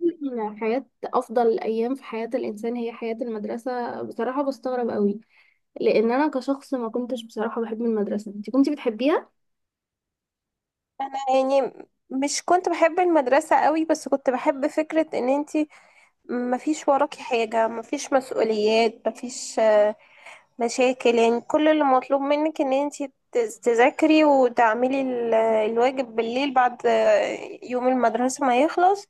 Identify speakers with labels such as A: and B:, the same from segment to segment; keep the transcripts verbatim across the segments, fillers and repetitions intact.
A: يقول إن حياة أفضل الأيام في حياة الإنسان هي حياة المدرسة، بصراحة بستغرب قوي، لأن أنا كشخص ما كنتش بصراحة بحب المدرسة. أنت كنتي بتحبيها؟
B: يعني مش كنت بحب المدرسة قوي، بس كنت بحب فكرة ان انتي مفيش وراكي حاجة، مفيش مسؤوليات، مفيش آه، مشاكل. يعني كل اللي مطلوب منك ان انتي تز- تذاكري وتعملي ال- الواجب بالليل بعد آه، يوم المدرسة ما يخلص،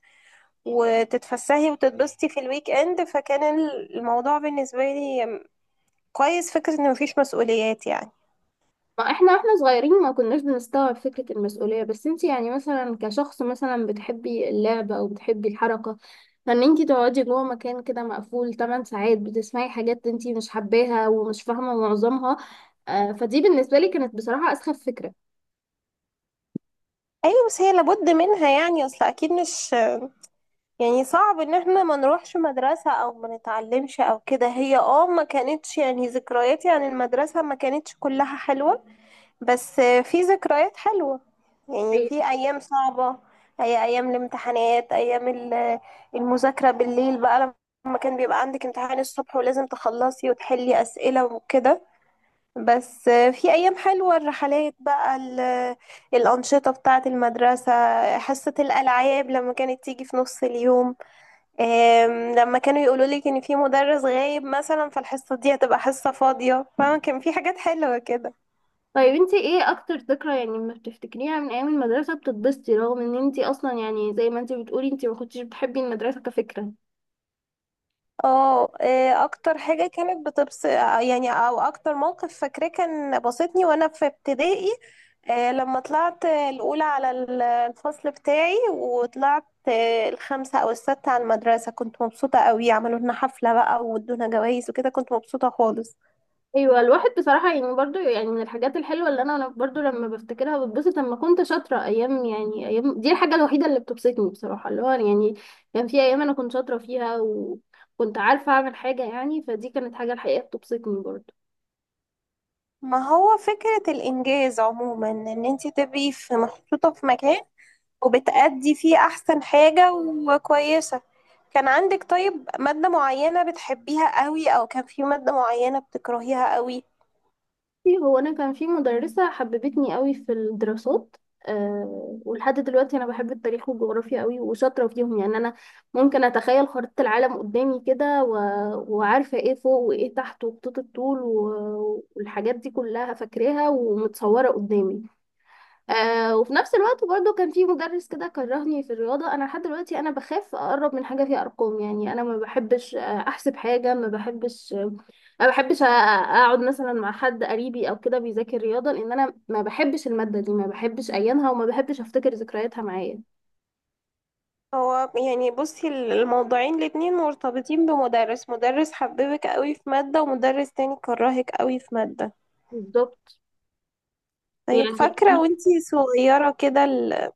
B: وتتفسحي وتتبسطي في الويك اند. فكان ال- الموضوع بالنسبة لي كويس، فكرة ان مفيش مسؤوليات يعني.
A: ما إحنا وإحنا صغيرين ما كناش بنستوعب فكرة المسؤولية، بس أنت يعني مثلا كشخص مثلا بتحبي اللعب أو بتحبي الحركة، فإن أنت تقعدي جوه مكان كده مقفول ثماني ساعات بتسمعي حاجات أنت مش حباها ومش فاهمة معظمها، آه، فدي بالنسبة لي كانت بصراحة أسخف فكرة.
B: ايوه بس هي لابد منها يعني، اصل اكيد مش يعني صعب ان احنا ما نروحش مدرسة او ما نتعلمش او كده. هي اه ما كانتش يعني ذكرياتي عن المدرسة ما كانتش كلها حلوة، بس في ذكريات حلوة. يعني في ايام صعبة، هي ايام الامتحانات، ايام ال- المذاكرة بالليل بقى، لما كان بيبقى عندك امتحان الصبح ولازم تخلصي وتحلي اسئلة وكده. بس في ايام حلوة، الرحلات بقى، ال- الانشطة بتاعة المدرسة، حصة الالعاب لما كانت تيجي في نص اليوم. آم، لما كانوا يقولوا لك ان في مدرس غايب مثلا فالحصه دي هتبقى حصه فاضيه، فاهمه؟ كان في حاجات حلوه كده.
A: طيب انتي ايه اكتر ذكرى يعني ما بتفتكريها من ايام المدرسة بتتبسطي، رغم ان انتي اصلا يعني زي ما انتي بتقولي انتي ما كنتيش بتحبي المدرسة كفكرة؟
B: اه آه، اكتر حاجه كانت بتبس يعني، او اكتر موقف فاكراه كان بسطني، وانا في ابتدائي آه، لما طلعت الاولى على ال- الفصل بتاعي، وطلعت آه، الخامسه او السادسه على المدرسه، كنت مبسوطه قوي. عملوا لنا حفله بقى، وادونا جوائز وكده، كنت مبسوطه خالص.
A: ايوه، الواحد بصراحة يعني برضو يعني من الحاجات الحلوة اللي انا انا برضو لما بفتكرها بتبسط، لما كنت شاطرة ايام، يعني ايام دي الحاجة الوحيدة اللي بتبسطني بصراحة، اللي هو يعني كان في ايام انا كنت شاطرة فيها وكنت عارفة اعمل حاجة، يعني فدي كانت حاجة الحقيقة بتبسطني برضو.
B: ما هو فكره الانجاز عموما، ان انت تبقي في محطوطه في مكان وبتأدي فيه أحسن حاجة وكويسة. كان عندك طيب مادة معينة بتحبيها قوي، أو كان في مادة معينة بتكرهيها قوي؟
A: بصي، هو انا كان في مدرسه حببتني قوي في الدراسات. أه ولحد دلوقتي انا بحب التاريخ والجغرافيا قوي وشاطره فيهم، يعني انا ممكن اتخيل خريطه العالم قدامي كده، و... وعارفه ايه فوق وايه تحت وخطوط الطول و... والحاجات دي كلها فاكراها ومتصوره قدامي. آه وفي نفس الوقت برضو كان في مدرس كده كرهني في الرياضة، أنا لحد دلوقتي أنا بخاف أقرب من حاجة فيها أرقام، يعني أنا ما بحبش آه، أحسب حاجة، ما بحبش آه، ما بحبش آه، أقعد مثلا مع حد قريبي أو كده بيذاكر رياضة، لأن أنا ما بحبش المادة دي، ما بحبش أيامها وما بحبش أفتكر ذكرياتها معايا.
B: هو يعني بصي الموضوعين الاتنين مرتبطين بمدرس، مدرس حببك قوي في مادة، ومدرس تاني كرهك قوي في مادة.
A: بالظبط،
B: طيب
A: يعني
B: فاكرة
A: أنا،
B: وانتي صغيرة كده ال-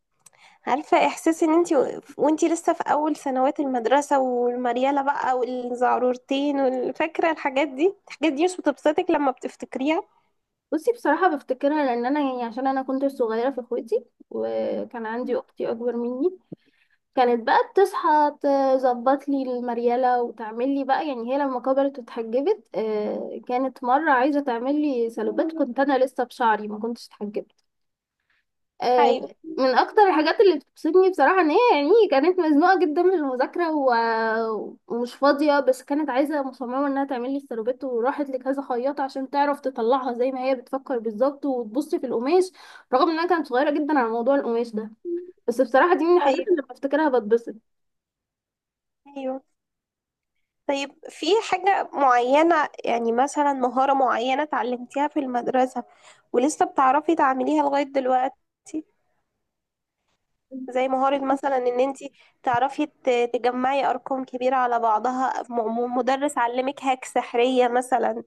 B: عارفة احساس ان انتي و- وانتي لسه في اول سنوات المدرسة، والمريالة بقى، والزعرورتين، والفاكرة؟ الحاجات دي الحاجات دي مش بتبسطك لما بتفتكريها؟
A: بصي، بصراحة بفتكرها لأن أنا يعني عشان أنا كنت صغيرة في إخوتي، وكان عندي أختي أكبر مني كانت بقى بتصحى تظبط لي المريالة وتعمل لي بقى، يعني هي لما كبرت واتحجبت، آه، كانت مرة عايزة تعمل لي سلوبات، كنت أنا لسه بشعري ما كنتش اتحجبت. آه،
B: ايوه،
A: من أكتر الحاجات اللي بتبسطني بصراحة إن هي يعني كانت مزنوقة جدا من المذاكرة و- ومش فاضية، بس كانت عايزة مصممة إنها تعمل لي السلوبات وراحت لكذا خياطة عشان تعرف تطلعها زي ما هي بتفكر بالظبط وتبص في القماش، رغم إنها كانت صغيرة جدا على موضوع القماش ده، بس بصراحة دي من الحاجات
B: ايوه،
A: اللي بفتكرها بتبسط.
B: ايوه. طيب في حاجة معينة يعني، مثلا مهارة معينة اتعلمتيها في المدرسة ولسه بتعرفي تعمليها لغاية دلوقتي؟ زي مهارة مثلا ان انتي تعرفي ت- تجمعي ارقام كبيرة على بعضها، م- م- مدرس علمك هاك سحرية مثلا،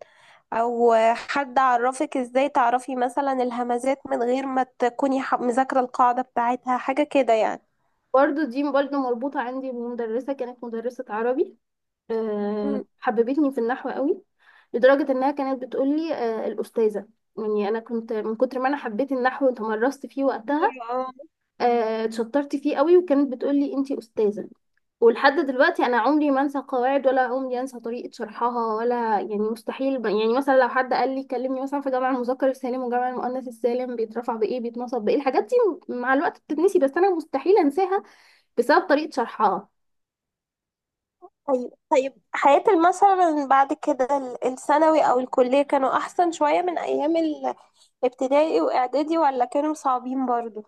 B: او حد عرفك ازاي تعرفي مثلا الهمزات من غير ما تكوني ح- مذاكرة القاعدة بتاعتها، حاجة كده يعني.
A: برضه دي برضه مربوطة عندي بمدرسة، كانت مدرسة عربي، آه، حببتني في النحو قوي، لدرجة إنها كانت بتقولي آه، الأستاذة. يعني أنا كنت من كتر ما أنا حبيت النحو وتمرست فيه وقتها،
B: مم.
A: آه، اتشطرت فيه قوي، وكانت بتقولي أنتي أستاذة. ولحد دلوقتي أنا عمري ما أنسى قواعد، ولا عمري أنسى طريقة شرحها، ولا يعني مستحيل، ب- يعني مثلا لو حد قال لي كلمني مثلا في جمع المذكر السالم وجمع المؤنث السالم بيترفع بإيه بيتنصب بإيه، الحاجات دي مع الوقت بتتنسي، بس أنا مستحيل أنساها بسبب طريقة شرحها.
B: طيب طيب، حياة مثلا بعد كده ال- الثانوي أو الكلية، كانوا أحسن شوية من أيام الابتدائي وإعدادي، ولا كانوا صعبين برضو؟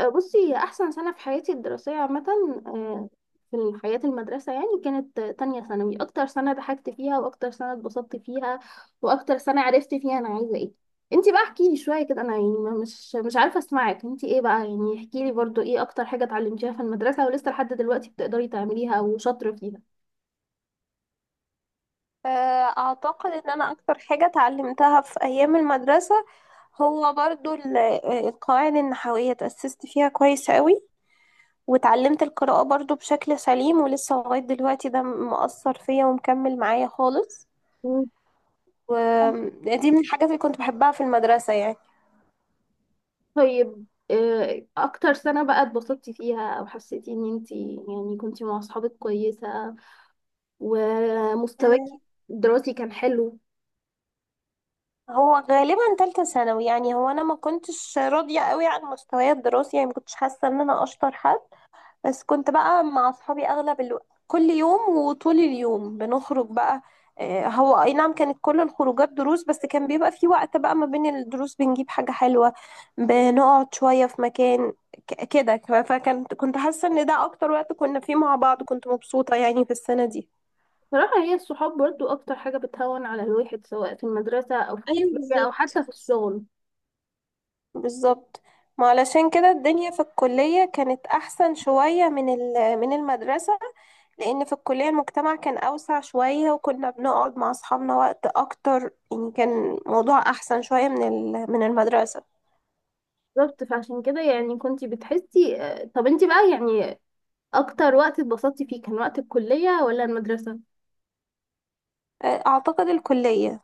A: آه، بصي هي أحسن سنة في حياتي الدراسية عامة، آه، في حياة المدرسة، يعني كانت آه، تانية ثانوي أكتر سنة ضحكت فيها، وأكتر سنة اتبسطت فيها، وأكتر سنة عرفت فيها أنا عايزة إيه. انتي بقى احكيلي شوية كده، أنا يعني ما- مش مش عارفة أسمعك انتي إيه بقى، يعني احكيلي برضو إيه أكتر حاجة اتعلمتيها في المدرسة ولسه لحد دلوقتي بتقدري تعمليها أو شاطرة فيها؟
B: آه، أعتقد إن أنا أكتر حاجة اتعلمتها في أيام المدرسة هو برضو ال- آه، القواعد النحوية، تأسست فيها كويس قوي، وتعلمت القراءة برضو بشكل سليم، ولسه لغاية دلوقتي ده مؤثر فيا ومكمل معايا خالص.
A: مم.
B: ودي من الحاجات اللي كنت بحبها في المدرسة يعني.
A: طيب آه، أكتر سنة بقى اتبسطتي فيها، أو حسيتي إن انتي يعني كنتي مع أصحابك كويسة ومستواكي
B: آه،
A: الدراسي كان حلو؟
B: هو غالبا تالتة ثانوي يعني، هو انا ما كنتش راضية قوي عن مستواي الدراسي، يعني ما كنتش حاسة ان انا اشطر حد، بس كنت بقى مع اصحابي اغلب الوقت، كل يوم وطول اليوم بنخرج بقى. آه، هو اي نعم كانت كل الخروجات دروس، بس كان بيبقى في وقت بقى ما بين الدروس بنجيب حاجة حلوة، بنقعد شوية في مكان ك- كده. فكنت كنت حاسة ان ده اكتر وقت كنا فيه مع بعض، كنت مبسوطة يعني في السنة دي.
A: صراحة هي الصحاب برضو أكتر حاجة بتهون على الواحد سواء في المدرسة أو في
B: ايوه
A: الكلية أو
B: بالظبط.
A: حتى في الشغل.
B: بالظبط، ما علشان كده الدنيا في الكلية كانت أحسن شوية من ال- من المدرسة، لأن في الكلية المجتمع كان أوسع شوية، وكنا بنقعد مع أصحابنا وقت أكتر، يعني كان موضوع أحسن شوية من ال- من المدرسة.
A: بالظبط، فعشان كده يعني كنتي بتحسي. آه، طب انتي بقى، يعني أكتر وقت اتبسطتي فيه كان وقت الكلية ولا المدرسة؟
B: آه، أعتقد الكلية.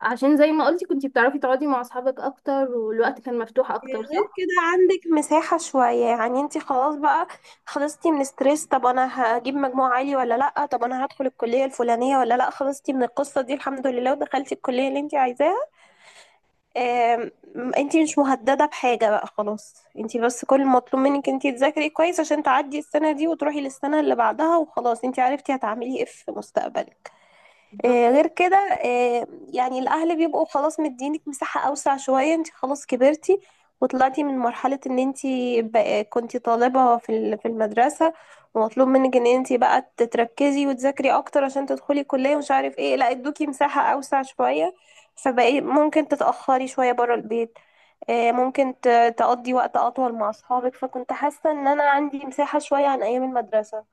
A: عشان زي ما قلتي كنتي بتعرفي تقعدي مع أصحابك أكتر، والوقت كان مفتوح أكتر،
B: غير
A: صح؟
B: كده عندك مساحة شوية يعني، انتي خلاص بقى خلصتي من ستريس طب أنا هجيب مجموع عالي ولا لأ، طب أنا هدخل الكلية الفلانية ولا لأ، خلصتي من القصة دي الحمد لله، ودخلتي الكلية اللي انتي عايزاها. آم، انتي مش مهددة بحاجة بقى، خلاص انتي بس كل المطلوب منك انتي تذاكري كويس عشان تعدي السنة دي وتروحي للسنة اللي بعدها، وخلاص انتي عرفتي هتعملي ايه في مستقبلك.
A: بالظبط.
B: آه، غير كده آه، يعني الأهل بيبقوا خلاص مدينك مساحة أوسع شوية، انت خلاص كبرتي وطلعتي من مرحلة ان انت بقى- كنتي طالبة في ال- في المدرسة، ومطلوب منك ان انت بقى تتركزي وتذاكري اكتر عشان تدخلي كلية ومش عارف ايه، لا ادوكي مساحة أوسع شوية، فبقي ممكن تتأخري شوية برا البيت. آه، ممكن ت- تقضي وقت أطول مع أصحابك، فكنت حاسة ان انا عندي مساحة شوية عن أيام المدرسة.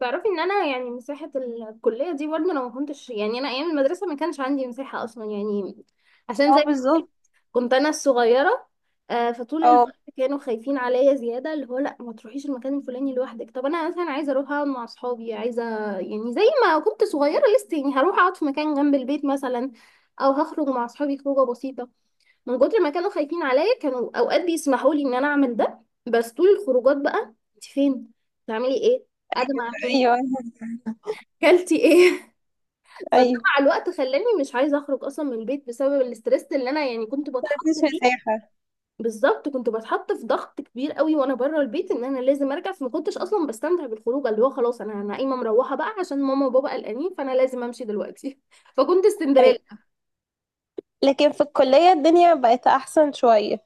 A: تعرفي ان انا يعني مساحة الكلية دي برضه، لو ما كنتش يعني، انا ايام المدرسة ما كانش عندي مساحة اصلا، يعني عشان زي
B: اه
A: ما قلت لك
B: بالظبط.
A: كنت انا الصغيرة، آه، فطول
B: اه،
A: الوقت كانوا خايفين عليا زيادة، اللي هو لا ما تروحيش المكان الفلاني لوحدك، طب انا مثلا عايزة اروح اقعد مع اصحابي، عايزة يعني زي ما كنت صغيرة لسه، يعني هروح اقعد في مكان جنب البيت مثلا او هخرج مع اصحابي خروجة بسيطة، من كتر ما كانوا خايفين عليا كانوا اوقات بيسمحوا لي ان انا اعمل ده، بس طول الخروجات بقى انت فين، بتعملي ايه، قاعدة مع مين،
B: ايوه
A: كلتي ايه؟ فده
B: ايوه،
A: مع الوقت خلاني مش عايزه اخرج اصلا من البيت، بسبب الاسترس اللي انا يعني كنت بتحط
B: مفيش
A: فيه.
B: مساحة.
A: بالظبط كنت بتحط في ضغط كبير قوي وانا بره البيت، ان انا لازم ارجع، فما كنتش اصلا بستمتع بالخروج، اللي هو خلاص انا انا قايمه مروحه بقى عشان ماما وبابا قلقانين فانا لازم امشي دلوقتي. فكنت
B: طيب
A: سندريلا.
B: لكن في الكلية الدنيا بقت أحسن شوية،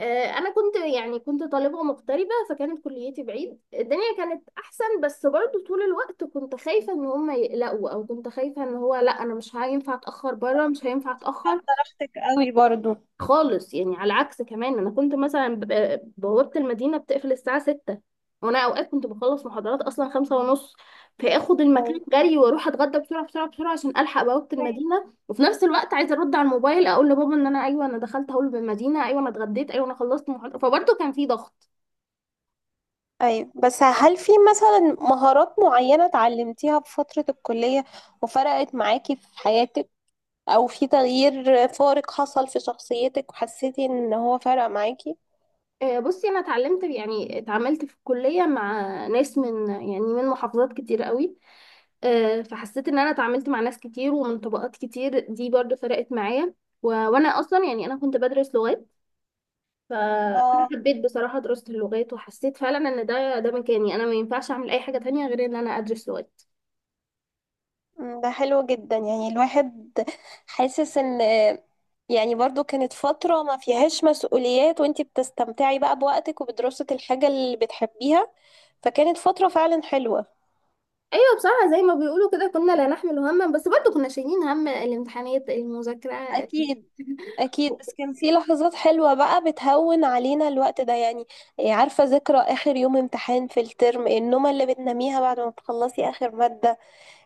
A: آه، انا كنت يعني كنت طالبه مغتربه، فكانت كليتي بعيد، الدنيا كانت احسن، بس برضو طول الوقت كنت خايفه ان هم يقلقوا، او كنت خايفه ان هو لا انا مش هينفع اتاخر بره، مش هينفع اتاخر
B: درجتك قوي برضو؟
A: خالص. يعني على عكس، كمان انا كنت مثلا ببقى- بوابة المدينة بتقفل الساعة ستة، وانا اوقات كنت بخلص محاضرات اصلا خمسة ونص، فاخد المكان
B: أيوة
A: جري واروح اتغدى بسرعة بسرعة بسرعة عشان الحق بوابة المدينة، وفي نفس الوقت عايزة ارد على الموبايل اقول لبابا ان انا ايوه انا دخلت هول بالمدينة، ايوه انا اتغديت، ايوه انا خلصت محاضرة، فبرضه كان في ضغط.
B: أيوة. بس هل في مثلا مهارات معينة اتعلمتيها في فترة الكلية وفرقت معاكي في حياتك، أو في تغيير فارق حصل في شخصيتك وحسيتي إن هو فرق معاكي؟
A: آه، بصي انا اتعلمت يعني اتعاملت في الكلية مع ناس من، يعني من محافظات كتير قوي، آه، فحسيت ان انا اتعاملت مع ناس كتير ومن طبقات كتير، دي برضو فرقت معايا، و... وانا اصلا يعني انا كنت بدرس لغات، فانا
B: اه
A: حبيت بصراحة دراسة اللغات، وحسيت فعلا ان ده ده مكاني، انا ما ينفعش اعمل اي حاجة تانية غير ان انا ادرس لغات.
B: أمم، ده حلو جدا، يعني الواحد حاسس إن يعني برضو كانت فترة ما فيهاش مسؤوليات، وانتي بتستمتعي بقى بوقتك وبدراسة الحاجة اللي بتحبيها، فكانت فترة فعلا حلوة.
A: ايوه بصراحة زي ما بيقولوا كده كنا لا نحمل هما، بس برضو كنا شايلين هم الامتحانات المذاكرة.
B: أكيد. أكيد، بس كان في لحظات حلوة بقى بتهون علينا الوقت ده يعني. إيه، عارفة ذكرى آخر يوم امتحان في الترم، النومة اللي بتناميها بعد ما بتخلصي آخر مادة،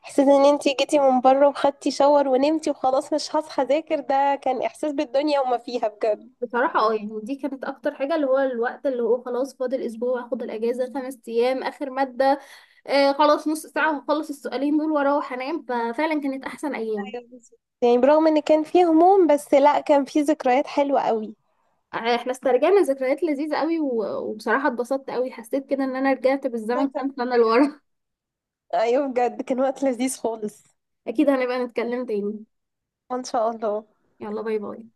B: إحساس إن أنتي جيتي من بره وخدتي شاور ونمتي وخلاص مش هصحى أذاكر، ده كان إحساس بالدنيا وما فيها بجد.
A: بصراحة اه يعني دي كانت أكتر حاجة، اللي هو الوقت اللي هو خلاص فاضل أسبوع، أخد الأجازة خمس أيام، آخر مادة، آه خلاص نص ساعة وهخلص السؤالين دول واروح انام، ففعلا كانت احسن ايام.
B: ايوه بالظبط، يعني برغم إن كان فيه هموم، بس لأ كان فيه ذكريات حلوة قوي.
A: آه، احنا استرجعنا ذكريات لذيذة قوي، و- وبصراحة اتبسطت قوي، حسيت كده ان انا رجعت
B: أنا
A: بالزمن
B: كمان.
A: كام سنة لورا.
B: أيوة بجد كان وقت لذيذ خالص.
A: اكيد هنبقى نتكلم تاني.
B: إن شاء الله.
A: يلا باي باي.